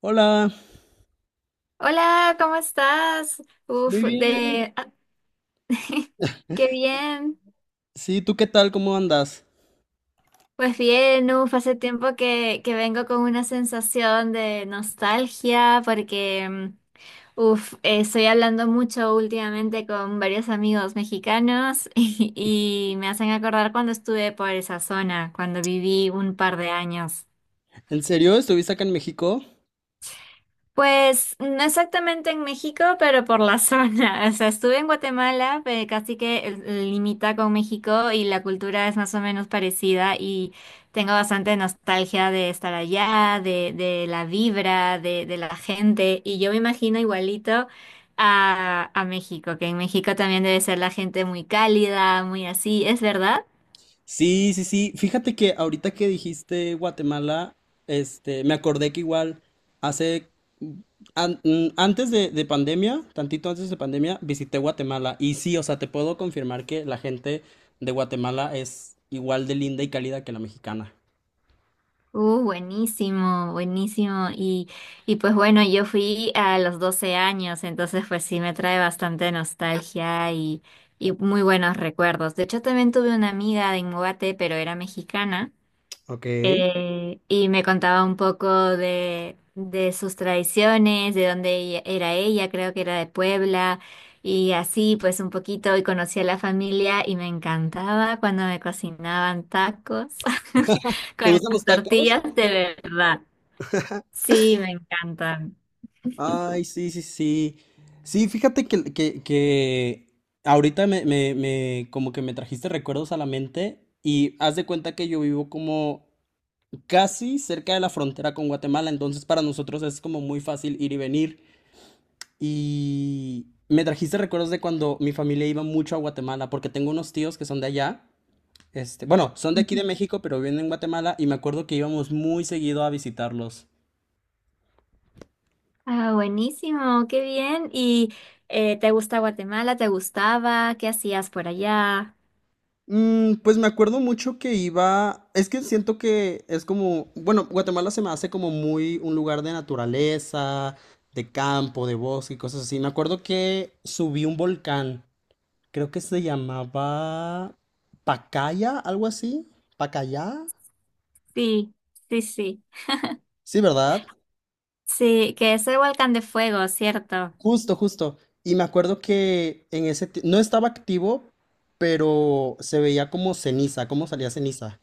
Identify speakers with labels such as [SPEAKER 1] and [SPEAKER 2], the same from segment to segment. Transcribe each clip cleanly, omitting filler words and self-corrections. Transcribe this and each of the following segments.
[SPEAKER 1] Hola.
[SPEAKER 2] Hola, ¿cómo estás?
[SPEAKER 1] Muy
[SPEAKER 2] Uf,
[SPEAKER 1] bien.
[SPEAKER 2] Qué bien.
[SPEAKER 1] Sí, ¿tú qué tal? ¿Cómo andas?
[SPEAKER 2] Pues bien, hace tiempo que vengo con una sensación de nostalgia porque, estoy hablando mucho últimamente con varios amigos mexicanos y me hacen acordar cuando estuve por esa zona, cuando viví un par de años.
[SPEAKER 1] ¿En serio? ¿Estuviste acá en México?
[SPEAKER 2] Pues no exactamente en México, pero por la zona. O sea, estuve en Guatemala, pero casi que limita con México y la cultura es más o menos parecida y tengo bastante nostalgia de estar allá, de la vibra, de la gente y yo me imagino igualito a México, que en México también debe ser la gente muy cálida, muy así, ¿es verdad?
[SPEAKER 1] Sí, sí, sí. Fíjate que ahorita que dijiste Guatemala, me acordé que igual hace, antes de pandemia, tantito antes de pandemia, visité Guatemala. Y sí, o sea, te puedo confirmar que la gente de Guatemala es igual de linda y cálida que la mexicana.
[SPEAKER 2] Buenísimo, buenísimo. Y pues bueno, yo fui a los 12 años, entonces pues sí me trae bastante nostalgia y muy buenos recuerdos. De hecho, también tuve una amiga de Inmobate, pero era mexicana,
[SPEAKER 1] Ok. ¿Te
[SPEAKER 2] y me contaba un poco de sus tradiciones, de dónde era ella, creo que era de Puebla, y así pues un poquito, y conocí a la familia y me encantaba cuando me cocinaban tacos,
[SPEAKER 1] gustan los tacos?
[SPEAKER 2] tortillas de verdad. Sí, me encantan.
[SPEAKER 1] Ay, sí, sí, sí. Sí, fíjate que ahorita me, me, me- como que me trajiste recuerdos a la mente y haz de cuenta que yo vivo como casi cerca de la frontera con Guatemala, entonces para nosotros es como muy fácil ir y venir. Y me trajiste recuerdos de cuando mi familia iba mucho a Guatemala, porque tengo unos tíos que son de allá, bueno, son de aquí
[SPEAKER 2] Ujú.
[SPEAKER 1] de México, pero viven en Guatemala y me acuerdo que íbamos muy seguido a visitarlos.
[SPEAKER 2] Ah, buenísimo, qué bien. ¿Y te gusta Guatemala? ¿Te gustaba? ¿Qué hacías por allá?
[SPEAKER 1] Mm, pues me acuerdo mucho que iba, es que siento que es como, bueno, Guatemala se me hace como muy un lugar de naturaleza, de campo, de bosque y cosas así. Me acuerdo que subí un volcán, creo que se llamaba Pacaya, algo así, Pacaya,
[SPEAKER 2] Sí, sí, sí.
[SPEAKER 1] sí, ¿verdad?
[SPEAKER 2] Sí, que es el volcán de fuego, ¿cierto?
[SPEAKER 1] Justo, justo. Y me acuerdo que en no estaba activo, pero se veía como ceniza, como salía ceniza.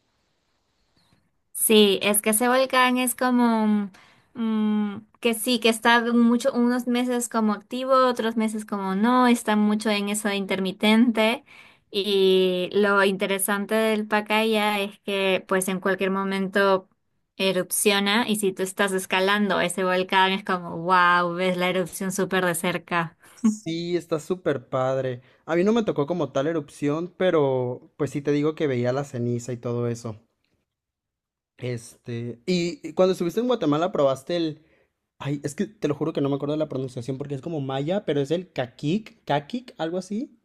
[SPEAKER 2] Sí, es que ese volcán es como que sí, que está mucho, unos meses como activo, otros meses como no, está mucho en eso de intermitente. Y lo interesante del Pacaya es que pues en cualquier momento erupciona y si tú estás escalando ese volcán es como wow, ves la erupción súper de cerca.
[SPEAKER 1] Sí, está súper padre. A mí no me tocó como tal erupción, pero pues sí te digo que veía la ceniza y todo eso. Este, y cuando estuviste en Guatemala probaste el... Ay, es que te lo juro que no me acuerdo de la pronunciación porque es como maya, pero es el caquic, caquic, algo así.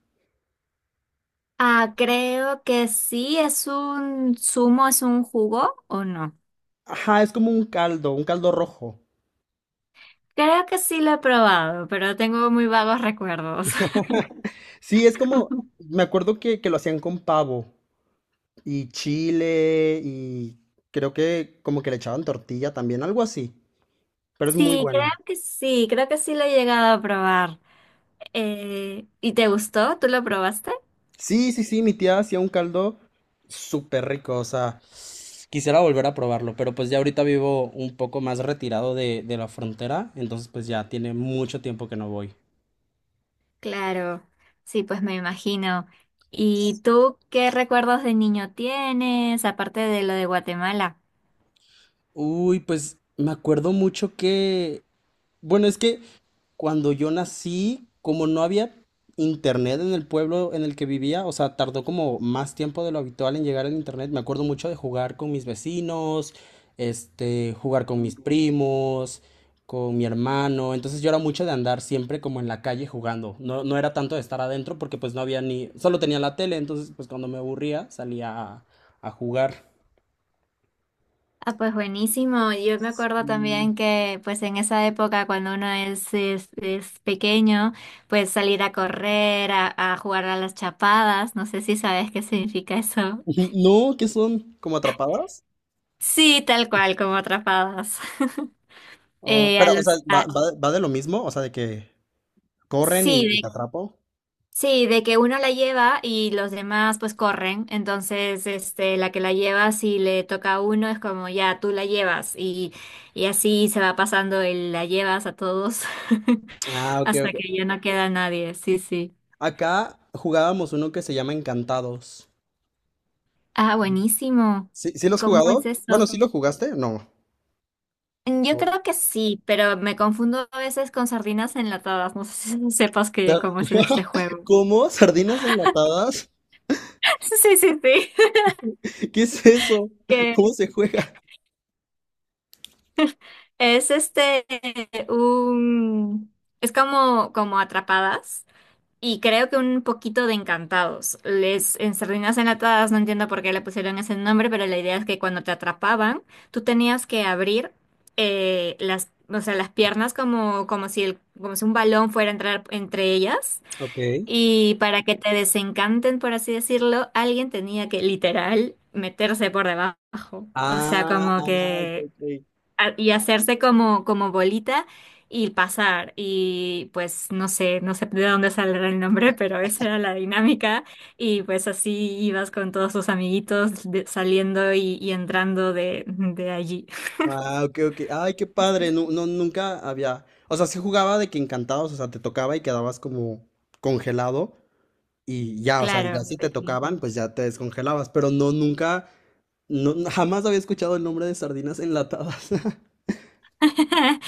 [SPEAKER 2] Ah, creo que sí, es un zumo, es un jugo o no.
[SPEAKER 1] Ajá, es como un caldo rojo.
[SPEAKER 2] Creo que sí lo he probado, pero tengo muy vagos recuerdos.
[SPEAKER 1] Sí, es como, me acuerdo que lo hacían con pavo y chile y creo que como que le echaban tortilla también, algo así, pero es muy
[SPEAKER 2] Sí, creo
[SPEAKER 1] bueno.
[SPEAKER 2] que sí, creo que sí lo he llegado a probar. ¿Y te gustó? ¿Tú lo probaste?
[SPEAKER 1] Sí, sí, sí, mi tía hacía un caldo súper rico, o sea, quisiera volver a probarlo, pero pues ya ahorita vivo un poco más retirado de la frontera, entonces pues ya tiene mucho tiempo que no voy.
[SPEAKER 2] Claro, sí, pues me imagino. ¿Y tú qué recuerdos de niño tienes, aparte de lo de Guatemala?
[SPEAKER 1] Uy, pues me acuerdo mucho que, bueno, es que cuando yo nací, como no había internet en el pueblo en el que vivía, o sea, tardó como más tiempo de lo habitual en llegar el internet. Me acuerdo mucho de jugar con mis vecinos, jugar con mis primos, con mi hermano. Entonces yo era mucho de andar siempre como en la calle jugando. No era tanto de estar adentro porque pues no había ni, solo tenía la tele, entonces pues cuando me aburría salía a jugar.
[SPEAKER 2] Ah, pues buenísimo. Yo me acuerdo
[SPEAKER 1] Mm.
[SPEAKER 2] también que pues en esa época cuando uno es pequeño, pues salir a correr, a jugar a las chapadas, no sé si sabes qué significa eso.
[SPEAKER 1] No, ¿qué son? ¿Como atrapadas?
[SPEAKER 2] Sí, tal cual, como atrapadas.
[SPEAKER 1] Oh,
[SPEAKER 2] Eh, a
[SPEAKER 1] pero, o sea,
[SPEAKER 2] los,
[SPEAKER 1] ¿va,
[SPEAKER 2] a-
[SPEAKER 1] va, va de lo mismo? O sea, de que corren
[SPEAKER 2] sí,
[SPEAKER 1] y te
[SPEAKER 2] de,
[SPEAKER 1] atrapo.
[SPEAKER 2] sí, de que uno la lleva y los demás pues corren. Entonces, este, la que la lleva, si le toca a uno, es como ya tú la llevas. Y así se va pasando el la llevas a todos
[SPEAKER 1] Ah, ok,
[SPEAKER 2] hasta
[SPEAKER 1] ok.
[SPEAKER 2] que ya no queda nadie. Sí, sí.
[SPEAKER 1] Acá jugábamos uno que se llama Encantados.
[SPEAKER 2] Ah, buenísimo.
[SPEAKER 1] ¿Sí, sí lo has
[SPEAKER 2] ¿Cómo
[SPEAKER 1] jugado?
[SPEAKER 2] es
[SPEAKER 1] Bueno,
[SPEAKER 2] eso?
[SPEAKER 1] ¿sí lo jugaste? No.
[SPEAKER 2] Yo
[SPEAKER 1] No.
[SPEAKER 2] creo que sí, pero me confundo a veces con sardinas enlatadas. No sé si sepas que
[SPEAKER 1] Da-
[SPEAKER 2] cómo es este juego.
[SPEAKER 1] ¿Cómo? ¿Sardinas enlatadas?
[SPEAKER 2] Sí, sí, sí.
[SPEAKER 1] ¿Qué es eso? ¿Cómo
[SPEAKER 2] que
[SPEAKER 1] se juega?
[SPEAKER 2] es este un es como como Atrapadas y creo que un poquito de Encantados. Les en Sardinas Enlatadas no entiendo por qué le pusieron ese nombre, pero la idea es que cuando te atrapaban, tú tenías que abrir las O sea, las piernas como, como si un balón fuera a entrar entre ellas.
[SPEAKER 1] Ok.
[SPEAKER 2] Y para que te desencanten, por así decirlo, alguien tenía que literal meterse por debajo. O sea,
[SPEAKER 1] Ah,
[SPEAKER 2] como
[SPEAKER 1] ah, ok,
[SPEAKER 2] que
[SPEAKER 1] ok.
[SPEAKER 2] y hacerse como bolita y pasar. Y pues no sé, no sé de dónde saldrá el nombre, pero esa era la dinámica. Y pues así ibas con todos tus amiguitos saliendo y entrando de allí.
[SPEAKER 1] Ah, ok, ok. Ay, qué padre. No, no, nunca había. O sea, se jugaba de que encantados, o sea, te tocaba y quedabas como congelado y ya, o sea, y ya
[SPEAKER 2] Claro,
[SPEAKER 1] si te
[SPEAKER 2] pues sí.
[SPEAKER 1] tocaban, pues ya te descongelabas. Pero no, nunca. No, no, jamás había escuchado el nombre de sardinas enlatadas.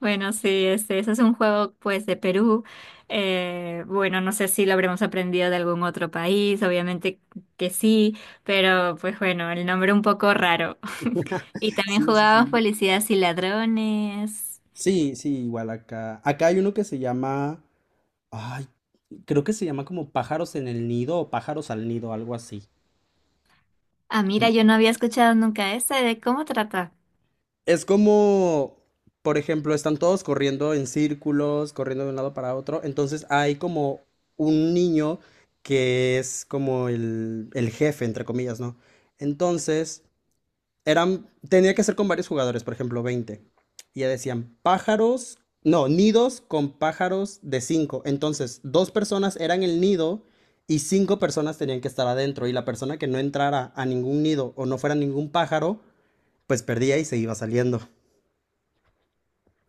[SPEAKER 2] Bueno, sí, este, ese es un juego pues de Perú. Bueno, no sé si lo habremos aprendido de algún otro país, obviamente que sí, pero pues bueno, el nombre un poco raro. Y también
[SPEAKER 1] Sí, sí,
[SPEAKER 2] jugábamos
[SPEAKER 1] sí.
[SPEAKER 2] policías y ladrones.
[SPEAKER 1] Sí, sí, igual acá. Acá hay uno que se llama, ay, creo que se llama como pájaros en el nido o pájaros al nido, algo así.
[SPEAKER 2] Ah,
[SPEAKER 1] Mm.
[SPEAKER 2] mira, yo no había escuchado nunca ese. ¿De cómo trata?
[SPEAKER 1] Es como, por ejemplo, están todos corriendo en círculos, corriendo de un lado para otro. Entonces hay como un niño que es como el jefe, entre comillas, ¿no? Entonces eran, tenía que ser con varios jugadores, por ejemplo, 20. Y ya decían pájaros, no, nidos con pájaros de cinco. Entonces, dos personas eran el nido y cinco personas tenían que estar adentro. Y la persona que no entrara a ningún nido o no fuera ningún pájaro, pues perdía y se iba saliendo.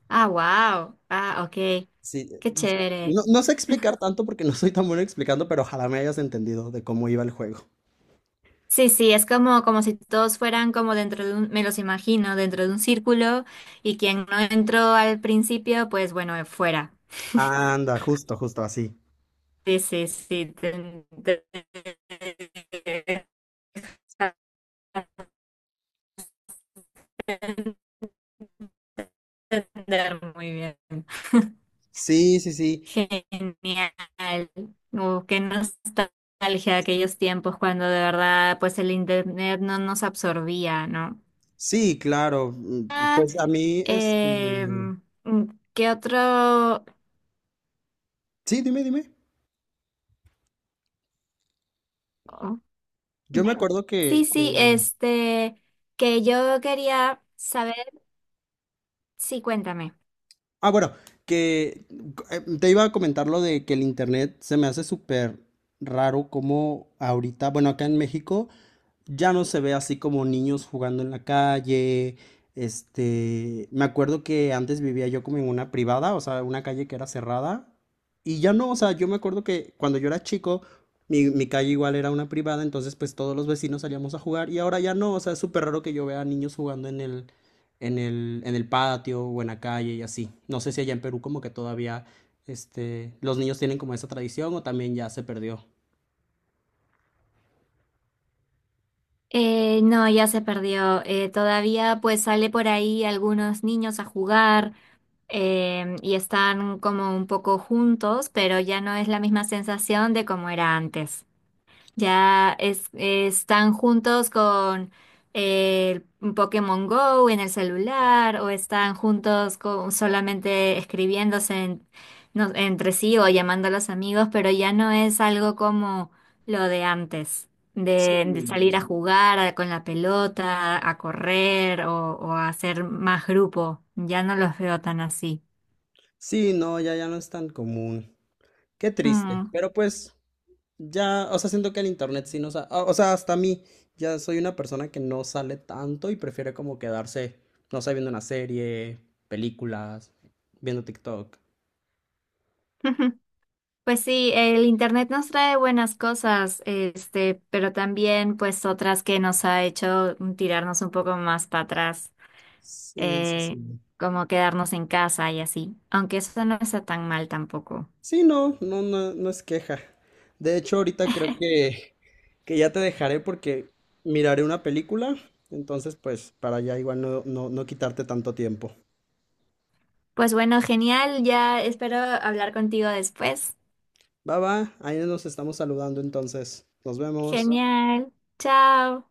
[SPEAKER 2] Ah, wow. Ah, ok.
[SPEAKER 1] Sí,
[SPEAKER 2] Qué chévere.
[SPEAKER 1] no, no sé explicar tanto porque no soy tan bueno explicando, pero ojalá me hayas entendido de cómo iba el juego.
[SPEAKER 2] Sí, sí, es como, como si todos fueran como dentro de un, me los imagino, dentro de un círculo y quien no entró al principio, pues bueno, fuera.
[SPEAKER 1] Anda, justo, justo así.
[SPEAKER 2] Sí, sí, sí. Te- te- te- entender muy bien.
[SPEAKER 1] Sí, sí, sí.
[SPEAKER 2] Genial. Qué nostalgia de aquellos tiempos cuando de verdad pues el internet no nos absorbía, ¿no?
[SPEAKER 1] Sí, claro. Pues a mí, este,
[SPEAKER 2] Em, mm, ¿Qué otro?
[SPEAKER 1] sí, dime, dime.
[SPEAKER 2] oh, me-
[SPEAKER 1] Yo me acuerdo
[SPEAKER 2] Sí, sí, este, que yo quería saber, sí, cuéntame.
[SPEAKER 1] ah, bueno, que te iba a comentar lo de que el internet se me hace súper raro como ahorita, bueno, acá en México ya no se ve así como niños jugando en la calle. Este, me acuerdo que antes vivía yo como en una privada, o sea, una calle que era cerrada. Y ya no, o sea, yo me acuerdo que cuando yo era chico, mi calle igual era una privada, entonces pues todos los vecinos salíamos a jugar y ahora ya no, o sea, es súper raro que yo vea niños jugando en en el patio o en la calle y así. No sé si allá en Perú como que todavía, los niños tienen como esa tradición o también ya se perdió.
[SPEAKER 2] No, ya se perdió. Todavía pues sale por ahí algunos niños a jugar y están como un poco juntos, pero ya no es la misma sensación de como era antes. Ya están juntos con el Pokémon Go en el celular o están juntos con, solamente escribiéndose entre sí o llamando a los amigos, pero ya no es algo como lo de antes,
[SPEAKER 1] Sí.
[SPEAKER 2] de salir a jugar con la pelota, a correr o a hacer más grupo. Ya no los veo tan así.
[SPEAKER 1] Sí, no, ya, ya no es tan común. Qué triste,
[SPEAKER 2] Mm.
[SPEAKER 1] pero pues ya, o sea, siento que el internet sí nos ha, o sea, hasta a mí, ya soy una persona que no sale tanto y prefiere como quedarse, no sé, viendo una serie, películas, viendo TikTok.
[SPEAKER 2] Pues sí, el internet nos trae buenas cosas, este, pero también pues otras que nos ha hecho tirarnos un poco más para atrás,
[SPEAKER 1] Sí, sí,
[SPEAKER 2] eh,
[SPEAKER 1] sí.
[SPEAKER 2] como quedarnos en casa y así, aunque eso no está tan mal tampoco.
[SPEAKER 1] Sí, no, no, no, no es queja. De hecho, ahorita creo que ya te dejaré porque miraré una película, entonces pues para ya igual no, no, no quitarte tanto tiempo.
[SPEAKER 2] Pues bueno, genial, ya espero hablar contigo después.
[SPEAKER 1] Va, va, ahí nos estamos saludando entonces. Nos vemos.
[SPEAKER 2] Genial, chao.